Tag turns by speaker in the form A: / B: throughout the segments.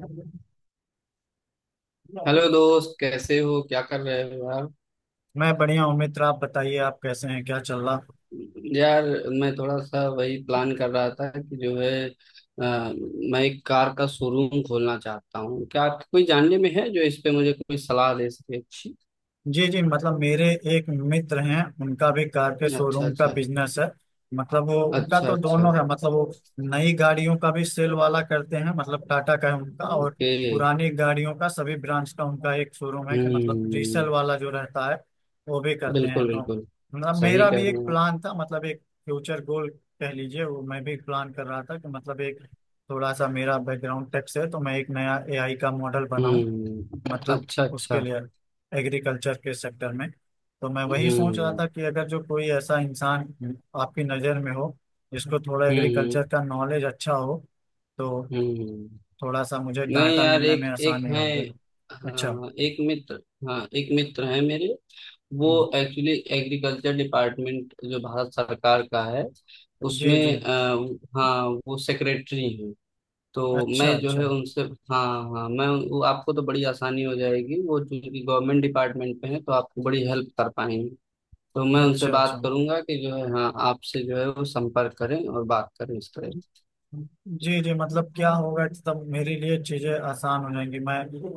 A: मैं
B: हेलो दोस्त, कैसे हो? क्या कर रहे हो यार?
A: बढ़िया हूँ मित्र। आप बताइए, आप कैसे हैं, क्या चल रहा।
B: यार, मैं थोड़ा सा वही प्लान कर रहा था कि जो है मैं एक कार का शोरूम खोलना चाहता हूँ। क्या आपके कोई जानने में है जो इस पे मुझे कोई सलाह दे सके अच्छी?
A: जी जी, मतलब मेरे एक मित्र हैं, उनका भी कार के
B: अच्छा,
A: शोरूम का
B: अच्छा।
A: बिजनेस है। मतलब वो, उनका
B: अच्छा,
A: तो
B: अच्छा।
A: दोनों है, मतलब वो नई गाड़ियों का भी सेल वाला करते हैं, मतलब टाटा का है उनका, और
B: ओके।
A: पुरानी गाड़ियों का सभी ब्रांच का उनका एक शोरूम है कि मतलब रीसेल
B: हम्म।
A: वाला जो रहता है वो भी करते हैं।
B: बिल्कुल,
A: तो
B: बिल्कुल।
A: मतलब
B: सही
A: मेरा
B: कह
A: भी
B: रहे
A: एक
B: हैं आप।
A: प्लान था, मतलब एक फ्यूचर गोल कह लीजिए, वो मैं भी प्लान कर रहा था कि मतलब एक, थोड़ा सा मेरा बैकग्राउंड टेक से है तो मैं एक नया एआई का मॉडल बनाऊं
B: हम्म।
A: मतलब
B: अच्छा,
A: उसके
B: अच्छा।
A: लिए, एग्रीकल्चर के सेक्टर में। तो मैं वही सोच रहा
B: हम्म,
A: था कि अगर जो कोई ऐसा इंसान आपकी नज़र में हो जिसको थोड़ा
B: हम्म।
A: एग्रीकल्चर
B: हम्म,
A: का नॉलेज अच्छा हो, तो
B: हम्म।
A: थोड़ा सा मुझे
B: नहीं
A: डाटा
B: यार,
A: मिलने में
B: एक एक
A: आसानी
B: है।
A: होगी। अच्छा।
B: हाँ, एक मित्र। हाँ, एक मित्र है मेरे। वो
A: हम्म।
B: एक्चुअली एग्रीकल्चर डिपार्टमेंट, जो भारत सरकार का है,
A: जी जी।
B: उसमें हाँ वो सेक्रेटरी हैं। तो
A: अच्छा
B: मैं जो
A: अच्छा।
B: है उनसे, हाँ, हाँ, मैं वो आपको तो बड़ी आसानी हो जाएगी, वो चूंकि गवर्नमेंट डिपार्टमेंट पे है तो आपको बड़ी हेल्प कर पाएंगे। तो मैं उनसे
A: अच्छा अच्छा।
B: बात करूंगा कि जो है, हाँ, आपसे जो है वो संपर्क करें और बात करें इस तरह।
A: जी जी मतलब क्या होगा कि तब मेरे लिए चीजें आसान हो जाएंगी। मैं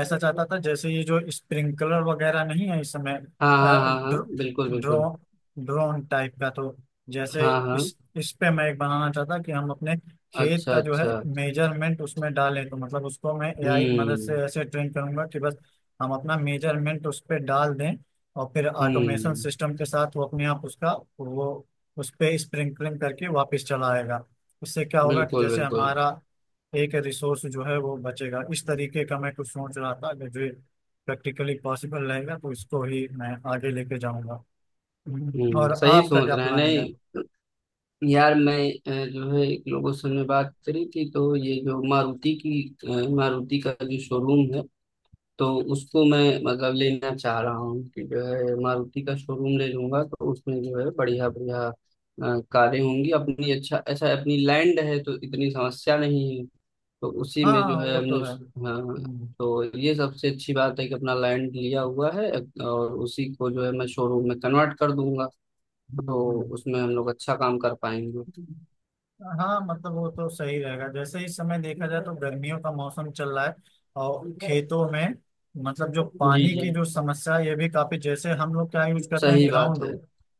A: ऐसा चाहता था, जैसे ये जो स्प्रिंकलर वगैरह नहीं है इस समय,
B: हाँ,
A: अ,
B: हाँ, हाँ, हाँ।
A: ड्रो,
B: बिल्कुल, बिल्कुल।
A: ड्रो, ड्रोन टाइप का, तो जैसे
B: हाँ, हाँ।
A: इस पे मैं एक बनाना चाहता कि हम अपने खेत
B: अच्छा,
A: का जो है
B: अच्छा।
A: मेजरमेंट उसमें डालें, तो मतलब उसको मैं एआई की मदद से
B: हम्म,
A: ऐसे ट्रेन करूंगा कि बस हम अपना मेजरमेंट उस पे डाल दें और फिर ऑटोमेशन
B: हम्म।
A: सिस्टम के साथ वो अपने आप उसका, वो उस पे स्प्रिंकलिंग करके वापस चला आएगा। उससे क्या होगा कि
B: बिल्कुल,
A: जैसे
B: बिल्कुल।
A: हमारा एक रिसोर्स जो है वो बचेगा। इस तरीके का मैं कुछ सोच रहा था कि जो प्रैक्टिकली पॉसिबल रहेगा तो इसको ही मैं आगे लेके जाऊंगा।
B: हम्म।
A: और
B: सही
A: आपका
B: सोच
A: क्या
B: रहे हैं।
A: प्लानिंग है।
B: नहीं यार, मैं जो है एक लोगों से हमने बात करी थी, तो ये जो मारुति का जो शोरूम है, तो उसको मैं मतलब लेना चाह रहा हूँ कि जो है मारुति का शोरूम ले लूंगा। तो उसमें जो है बढ़िया बढ़िया कारें होंगी अपनी। अच्छा, अच्छा। अपनी लैंड है तो इतनी समस्या नहीं है। तो उसी में जो
A: हाँ
B: है
A: वो तो
B: हमने,
A: है।
B: हाँ,
A: हम्म।
B: तो ये सबसे अच्छी बात है कि अपना लैंड लिया हुआ है। और उसी को जो है मैं शोरूम में कन्वर्ट कर दूंगा।
A: हम्म।
B: तो उसमें हम लोग अच्छा काम कर पाएंगे।
A: हम्म। हाँ मतलब वो तो सही रहेगा। जैसे इस समय देखा जाए तो गर्मियों का मौसम चल रहा है, और खेतों में मतलब जो
B: जी,
A: पानी
B: जी।
A: की जो समस्या है ये भी काफी, जैसे हम लोग क्या यूज करते हैं,
B: सही बात
A: ग्राउंड
B: है।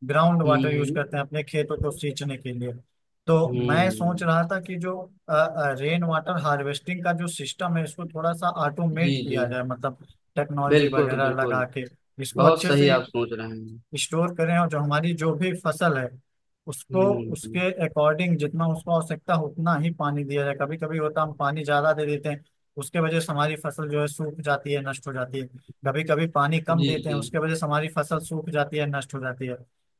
A: ग्राउंड
B: हम्म,
A: वाटर यूज
B: हम्म,
A: करते हैं अपने खेतों को सींचने के लिए। तो मैं सोच
B: हम्म।
A: रहा था कि जो रेन वाटर हार्वेस्टिंग का जो सिस्टम है इसको थोड़ा सा
B: जी,
A: ऑटोमेट
B: जी।
A: किया जाए, मतलब टेक्नोलॉजी
B: बिल्कुल,
A: वगैरह
B: बिल्कुल।
A: लगा के इसको
B: बहुत
A: अच्छे
B: सही
A: से
B: आप सोच रहे हैं।
A: स्टोर करें, और जो हमारी जो भी फसल है उसको
B: हम्म।
A: उसके अकॉर्डिंग, जितना उसको आवश्यकता उतना ही पानी दिया जाए। कभी कभी होता है, हम पानी ज्यादा दे देते हैं, उसके वजह से हमारी फसल जो है सूख जाती है, नष्ट हो जाती है। कभी कभी पानी कम
B: जी,
A: देते हैं,
B: जी।
A: उसके वजह से हमारी फसल सूख जाती है, नष्ट हो जाती है।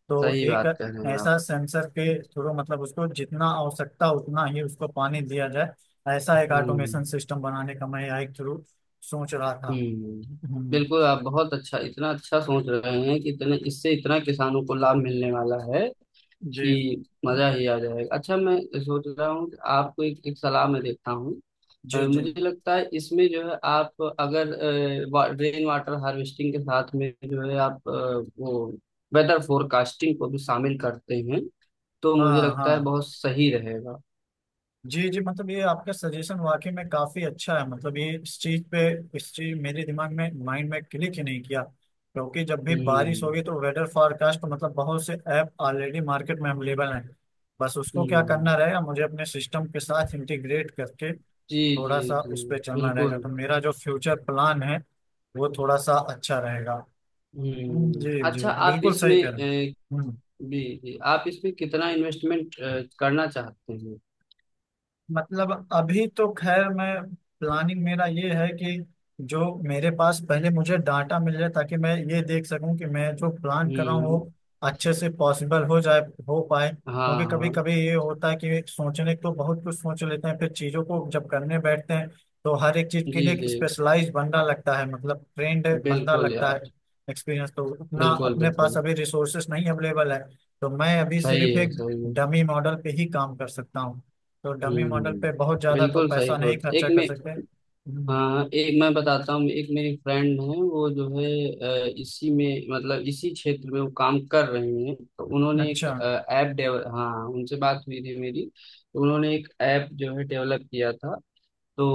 A: तो
B: सही
A: एक
B: बात कह रहे हैं आप।
A: ऐसा सेंसर के थ्रू, मतलब उसको जितना आवश्यकता उतना ही उसको पानी दिया जाए, ऐसा एक ऑटोमेशन
B: हम्म,
A: सिस्टम बनाने का मैं एक थ्रू सोच रहा था।
B: हम्म।
A: हम्म।
B: बिल्कुल, आप बहुत अच्छा इतना अच्छा सोच रहे हैं कि इतने इससे इतना किसानों को लाभ मिलने वाला है
A: जी
B: कि मजा ही आ जाएगा। अच्छा, मैं सोच रहा हूँ कि आपको एक सलाह में देता हूँ।
A: जी। जी।
B: मुझे लगता है इसमें जो है, आप अगर रेन वाटर हार्वेस्टिंग के साथ में जो है आप वो वेदर फोरकास्टिंग को भी शामिल करते हैं, तो मुझे
A: हाँ
B: लगता है
A: हाँ।
B: बहुत सही रहेगा।
A: जी जी मतलब ये आपका सजेशन वाकई में काफी अच्छा है। मतलब ये इस चीज पे, इस चीज मेरे दिमाग में, माइंड में क्लिक ही नहीं किया, क्योंकि जब भी बारिश
B: हम्म,
A: होगी तो वेदर फोरकास्ट, मतलब बहुत से ऐप ऑलरेडी मार्केट में अवेलेबल हैं। बस उसको क्या
B: हम्म।
A: करना रहेगा, मुझे अपने सिस्टम के साथ इंटीग्रेट करके
B: जी, जी,
A: थोड़ा सा
B: जी।
A: उस पर चलना रहेगा, तो
B: बिल्कुल।
A: मेरा जो फ्यूचर प्लान है वो थोड़ा सा अच्छा रहेगा। जी
B: हम्म।
A: जी
B: अच्छा, आप
A: बिल्कुल सही
B: इसमें
A: कह रहे हैं। हम्म।
B: जी, जी, आप इसमें कितना इन्वेस्टमेंट करना चाहते हैं?
A: मतलब अभी तो खैर मैं, प्लानिंग मेरा ये है कि जो मेरे पास पहले मुझे डाटा मिल जाए, ताकि मैं ये देख सकूं कि मैं जो प्लान कर रहा हूँ
B: हम्म।
A: वो अच्छे से पॉसिबल हो जाए, हो पाए।
B: हाँ,
A: क्योंकि कभी
B: हाँ।
A: कभी ये होता है कि सोचने तो बहुत कुछ सोच लेते हैं, फिर चीज़ों को जब करने बैठते हैं तो हर एक चीज़ के
B: जी,
A: लिए एक
B: जी।
A: स्पेशलाइज बंदा लगता है, मतलब ट्रेंड बंदा
B: बिल्कुल
A: लगता
B: यार।
A: है। एक्सपीरियंस तो उतना
B: बिल्कुल,
A: अपने पास
B: बिल्कुल।
A: अभी, रिसोर्सेस नहीं अवेलेबल है, तो मैं अभी
B: सही
A: सिर्फ
B: है,
A: एक
B: सही है।
A: डमी मॉडल पे ही काम कर सकता हूँ। तो डमी मॉडल पे बहुत
B: हम्म।
A: ज्यादा तो
B: बिल्कुल सही
A: पैसा नहीं
B: सोच,
A: खर्चा
B: एक
A: कर
B: में,
A: सकते। हम्म।
B: हाँ, एक मैं बताता हूँ, एक मेरी फ्रेंड है वो जो है, इसी में मतलब इसी क्षेत्र में वो काम कर रही हैं। तो उन्होंने एक
A: अच्छा।
B: ऐप डेवल हाँ, उनसे बात हुई थी मेरी। तो उन्होंने एक ऐप जो है डेवलप किया था। तो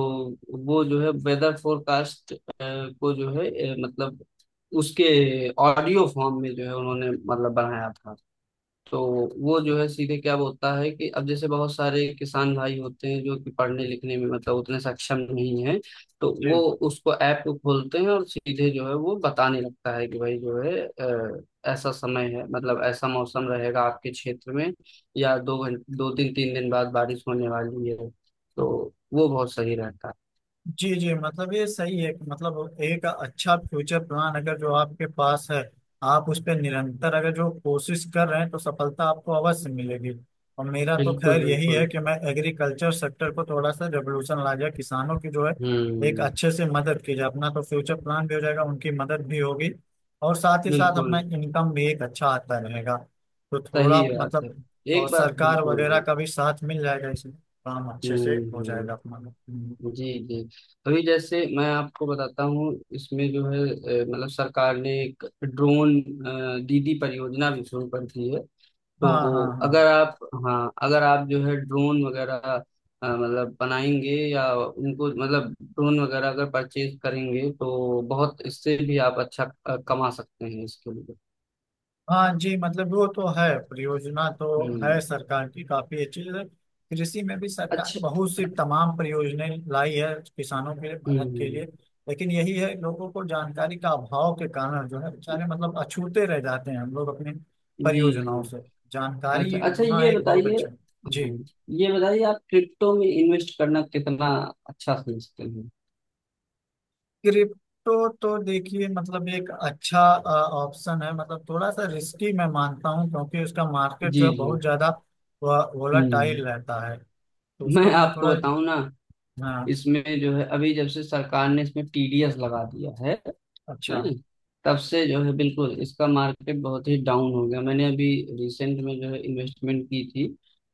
B: वो जो है वेदर फोरकास्ट को जो है मतलब उसके ऑडियो फॉर्म में जो है उन्होंने मतलब बनाया था। तो वो जो है सीधे क्या बोलता है कि अब जैसे बहुत सारे किसान भाई होते हैं जो कि पढ़ने लिखने में मतलब उतने सक्षम नहीं है, तो वो
A: जी
B: उसको ऐप को खोलते हैं और सीधे जो है वो बताने लगता है कि भाई जो है, ऐसा समय है मतलब ऐसा मौसम रहेगा आपके क्षेत्र में, या 2 घंटे, 2 दिन, 3 दिन बाद बारिश होने वाली है। तो वो बहुत सही रहता है।
A: जी। जी मतलब ये सही है कि मतलब एक अच्छा फ्यूचर प्लान अगर जो आपके पास है, आप उस पर निरंतर अगर जो कोशिश कर रहे हैं, तो सफलता आपको अवश्य मिलेगी। और मेरा तो
B: बिल्कुल,
A: खैर यही है
B: बिल्कुल।
A: कि मैं एग्रीकल्चर सेक्टर को थोड़ा सा रेवोल्यूशन ला जाए, किसानों की जो है एक
B: हम्म।
A: अच्छे से मदद की जाए। अपना तो फ्यूचर प्लान भी हो जाएगा, उनकी मदद भी होगी, और साथ ही साथ
B: बिल्कुल।
A: अपना इनकम भी एक अच्छा आता रहेगा। तो थोड़ा
B: सही बात
A: मतलब,
B: है।
A: और
B: एक बार।
A: सरकार
B: बिल्कुल,
A: वगैरह
B: बिल्कुल।
A: का भी साथ मिल जाएगा, इसमें काम अच्छे
B: हम्म,
A: से हो जाएगा अपना।
B: जी, जी। अभी जैसे मैं आपको बताता हूँ, इसमें जो है मतलब सरकार ने एक ड्रोन दीदी परियोजना भी शुरू कर दी है। तो
A: हाँ हाँ हाँ
B: अगर आप, हाँ, अगर आप जो है ड्रोन वगैरह मतलब बनाएंगे, या उनको मतलब ड्रोन वगैरह अगर परचेज करेंगे, तो बहुत इससे भी आप अच्छा कमा सकते हैं इसके लिए।
A: हाँ। जी मतलब वो तो है, परियोजना तो
B: हम्म।
A: है सरकार की काफी अच्छी। जैसे कृषि में भी सरकार
B: अच्छा।
A: बहुत सी तमाम परियोजनाएं लाई है किसानों के मदद के
B: हम्म।
A: लिए। लेकिन यही है, लोगों को जानकारी का अभाव के कारण जो है, बेचारे मतलब अछूते रह जाते हैं हम लोग अपनी
B: जी, जी।
A: परियोजनाओं से।
B: अच्छा,
A: जानकारी
B: अच्छा,
A: होना
B: ये
A: एक बहुत
B: बताइए।
A: अच्छा। जी।
B: हम्म, ये बताइए, आप क्रिप्टो में इन्वेस्ट करना कितना अच्छा समझते हैं?
A: क्रिप्टो तो देखिए, मतलब एक अच्छा ऑप्शन है, मतलब थोड़ा सा रिस्की मैं मानता हूँ, क्योंकि उसका मार्केट जो
B: जी,
A: है
B: जी।
A: बहुत ज्यादा वोलाटाइल
B: हम्म।
A: रहता है। तो उसको
B: मैं
A: तो मैं
B: आपको
A: थोड़ा,
B: बताऊं ना,
A: हाँ।
B: इसमें जो है अभी जब से सरकार ने इसमें टीडीएस लगा दिया है
A: अच्छा।
B: है तब से जो है बिल्कुल इसका मार्केट बहुत ही डाउन हो गया। मैंने अभी रिसेंट में जो है इन्वेस्टमेंट की थी,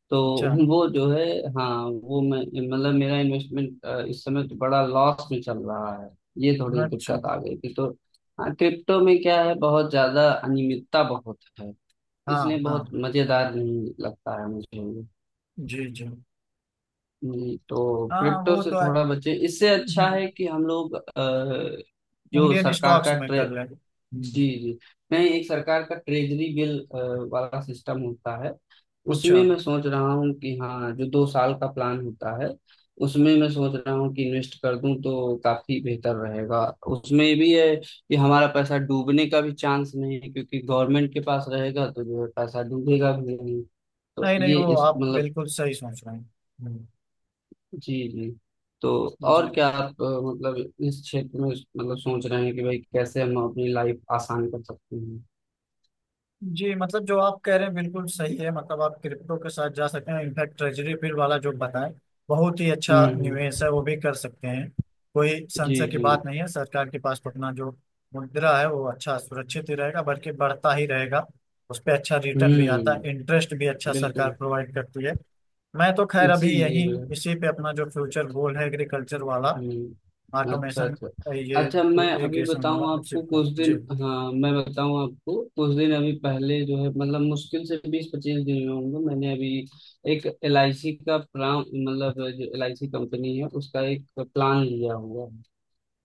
B: तो
A: अच्छा
B: वो जो है, हाँ वो मैं मतलब, मेरा इन्वेस्टमेंट इस समय तो बड़ा लॉस में चल रहा है। ये थोड़ी
A: अच्छा।
B: दिक्कत आ गई थी तो, हाँ, क्रिप्टो में क्या है, बहुत ज्यादा अनियमितता बहुत है, इसलिए
A: हाँ
B: बहुत
A: हाँ।
B: मजेदार नहीं लगता है मुझे ये।
A: जी जी।
B: तो
A: हाँ
B: क्रिप्टो
A: वो
B: से
A: तो है।
B: थोड़ा बचे, इससे अच्छा
A: हम्म,
B: है कि हम लोग जो
A: इंडियन
B: सरकार
A: स्टॉक्स
B: का,
A: में
B: जी,
A: कर लेंगे। हम्म।
B: जी, मैं, एक सरकार का ट्रेजरी बिल वाला सिस्टम होता है,
A: अच्छा।
B: उसमें मैं सोच रहा हूँ कि, हाँ, जो 2 साल का प्लान होता है, उसमें मैं सोच रहा हूँ कि इन्वेस्ट कर दूं तो काफी बेहतर रहेगा। उसमें ये भी है कि हमारा पैसा डूबने का भी चांस नहीं है क्योंकि गवर्नमेंट के पास रहेगा तो जो है पैसा डूबेगा भी नहीं। तो
A: नहीं नहीं,
B: ये
A: वो
B: इस
A: आप
B: मतलब,
A: बिल्कुल सही सोच रहे हैं। हम्म।
B: जी, जी। तो
A: जी
B: और क्या आप मतलब इस क्षेत्र में मतलब सोच रहे हैं कि भाई कैसे हम अपनी लाइफ आसान कर सकते हैं?
A: जी मतलब जो आप कह रहे हैं बिल्कुल सही है। मतलब आप क्रिप्टो के साथ जा सकते हैं, इनफैक्ट ट्रेजरी बिल वाला जो बताएं बहुत ही अच्छा
B: हम्म,
A: निवेश है, वो भी कर सकते हैं। कोई
B: जी,
A: संशय की
B: जी।
A: बात नहीं है, सरकार के पास अपना जो मुद्रा है वो अच्छा सुरक्षित ही रहेगा, बल्कि बढ़ता ही रहेगा। उस पर अच्छा रिटर्न भी आता
B: हम्म।
A: है, इंटरेस्ट भी अच्छा सरकार
B: बिल्कुल।
A: प्रोवाइड करती है। मैं तो खैर अभी
B: इसीलिए
A: यही,
B: जो है,
A: इसी पे अपना जो फ्यूचर गोल है एग्रीकल्चर वाला,
B: हम्म। अच्छा,
A: ऑटोमेशन,
B: अच्छा।
A: ये
B: अच्छा, मैं अभी
A: इरिगेशन वाला
B: बताऊं
A: उसी
B: आपको
A: पर।
B: कुछ दिन,
A: जी।
B: हाँ मैं बताऊं आपको, कुछ दिन अभी पहले जो है, मतलब मुश्किल से 20-25 दिन में होंगे, मैंने अभी एक LIC का प्लान, मतलब जो LIC कंपनी है, उसका एक प्लान लिया हुआ है।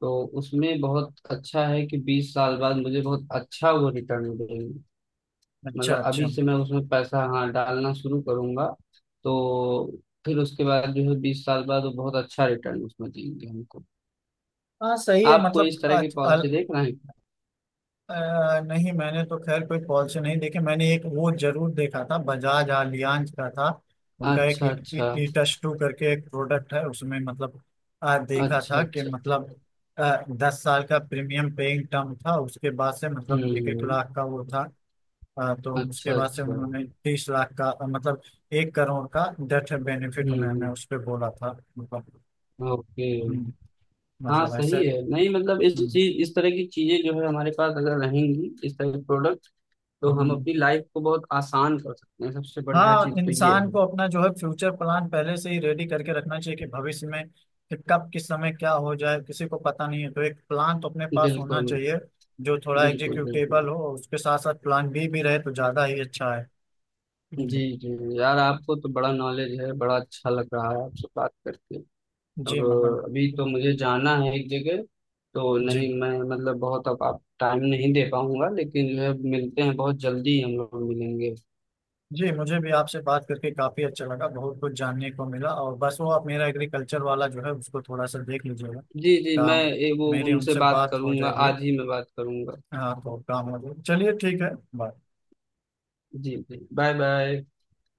B: तो उसमें बहुत अच्छा है कि 20 साल बाद मुझे बहुत अच्छा वो रिटर्न मिलेगा।
A: अच्छा
B: मतलब
A: अच्छा।
B: अभी से मैं उसमें पैसा, हाँ, डालना शुरू करूंगा। तो फिर उसके बाद जो है 20 साल बाद वो बहुत अच्छा रिटर्न उसमें देंगे हमको।
A: हाँ सही है
B: आप कोई
A: मतलब।
B: इस तरह की पॉलिसी देख रहे हैं क्या?
A: नहीं मैंने तो खैर कोई पॉलिसी नहीं देखी। मैंने एक वो जरूर देखा था, बजाज आलियांज का था, उनका एक
B: अच्छा, अच्छा।
A: ईटस टू करके एक प्रोडक्ट है, उसमें मतलब देखा
B: अच्छा,
A: था कि
B: अच्छा।
A: मतलब, 10 साल का प्रीमियम पेइंग टर्म था, उसके बाद से मतलब एक एक
B: हम्म।
A: लाख का वो था, तो उसके
B: अच्छा,
A: बाद से
B: अच्छा।
A: उन्होंने 30 लाख का मतलब 1 करोड़ का डेथ बेनिफिट उन्होंने
B: हम्म।
A: उस पर बोला था। मतलब।
B: ओके।
A: हम्म।
B: हाँ,
A: मतलब ऐसे।
B: सही है। नहीं मतलब इस
A: हम्म।
B: चीज, इस तरह की चीजें जो है हमारे पास अगर रहेंगी, इस तरह के प्रोडक्ट, तो हम
A: हम्म।
B: अपनी लाइफ को बहुत आसान कर सकते हैं। सबसे बढ़िया
A: हाँ
B: चीज तो ये
A: इंसान
B: है।
A: को अपना जो है फ्यूचर प्लान पहले से ही रेडी करके रखना चाहिए, कि भविष्य में कि कब किस समय क्या हो जाए किसी को पता नहीं है, तो एक प्लान तो अपने पास होना
B: बिल्कुल,
A: चाहिए जो थोड़ा
B: बिल्कुल। बिल्कुल।
A: एग्जीक्यूटेबल हो, और उसके साथ साथ प्लान बी भी रहे तो ज्यादा ही अच्छा है।
B: जी,
A: हम्म।
B: जी। यार, आपको तो बड़ा नॉलेज है। बड़ा अच्छा लग रहा है आपसे बात करके। अब
A: जी मतलब।
B: अभी तो मुझे जाना है एक जगह, तो
A: जी
B: नहीं मैं मतलब बहुत अब आप टाइम नहीं दे पाऊंगा, लेकिन जो है मिलते हैं, बहुत जल्दी हम लोग मिलेंगे।
A: जी मुझे भी आपसे बात करके काफी अच्छा लगा, बहुत कुछ जानने को मिला। और बस वो आप मेरा एग्रीकल्चर वाला जो है उसको थोड़ा सा देख लीजिएगा,
B: जी, जी। मैं
A: काम,
B: वो
A: मेरी
B: उनसे
A: उनसे
B: बात
A: बात हो
B: करूंगा,
A: जाएगी।
B: आज ही मैं बात करूंगा।
A: हाँ तो काम हो जाए, चलिए ठीक है। बाय।
B: जी, जी। Bye, bye.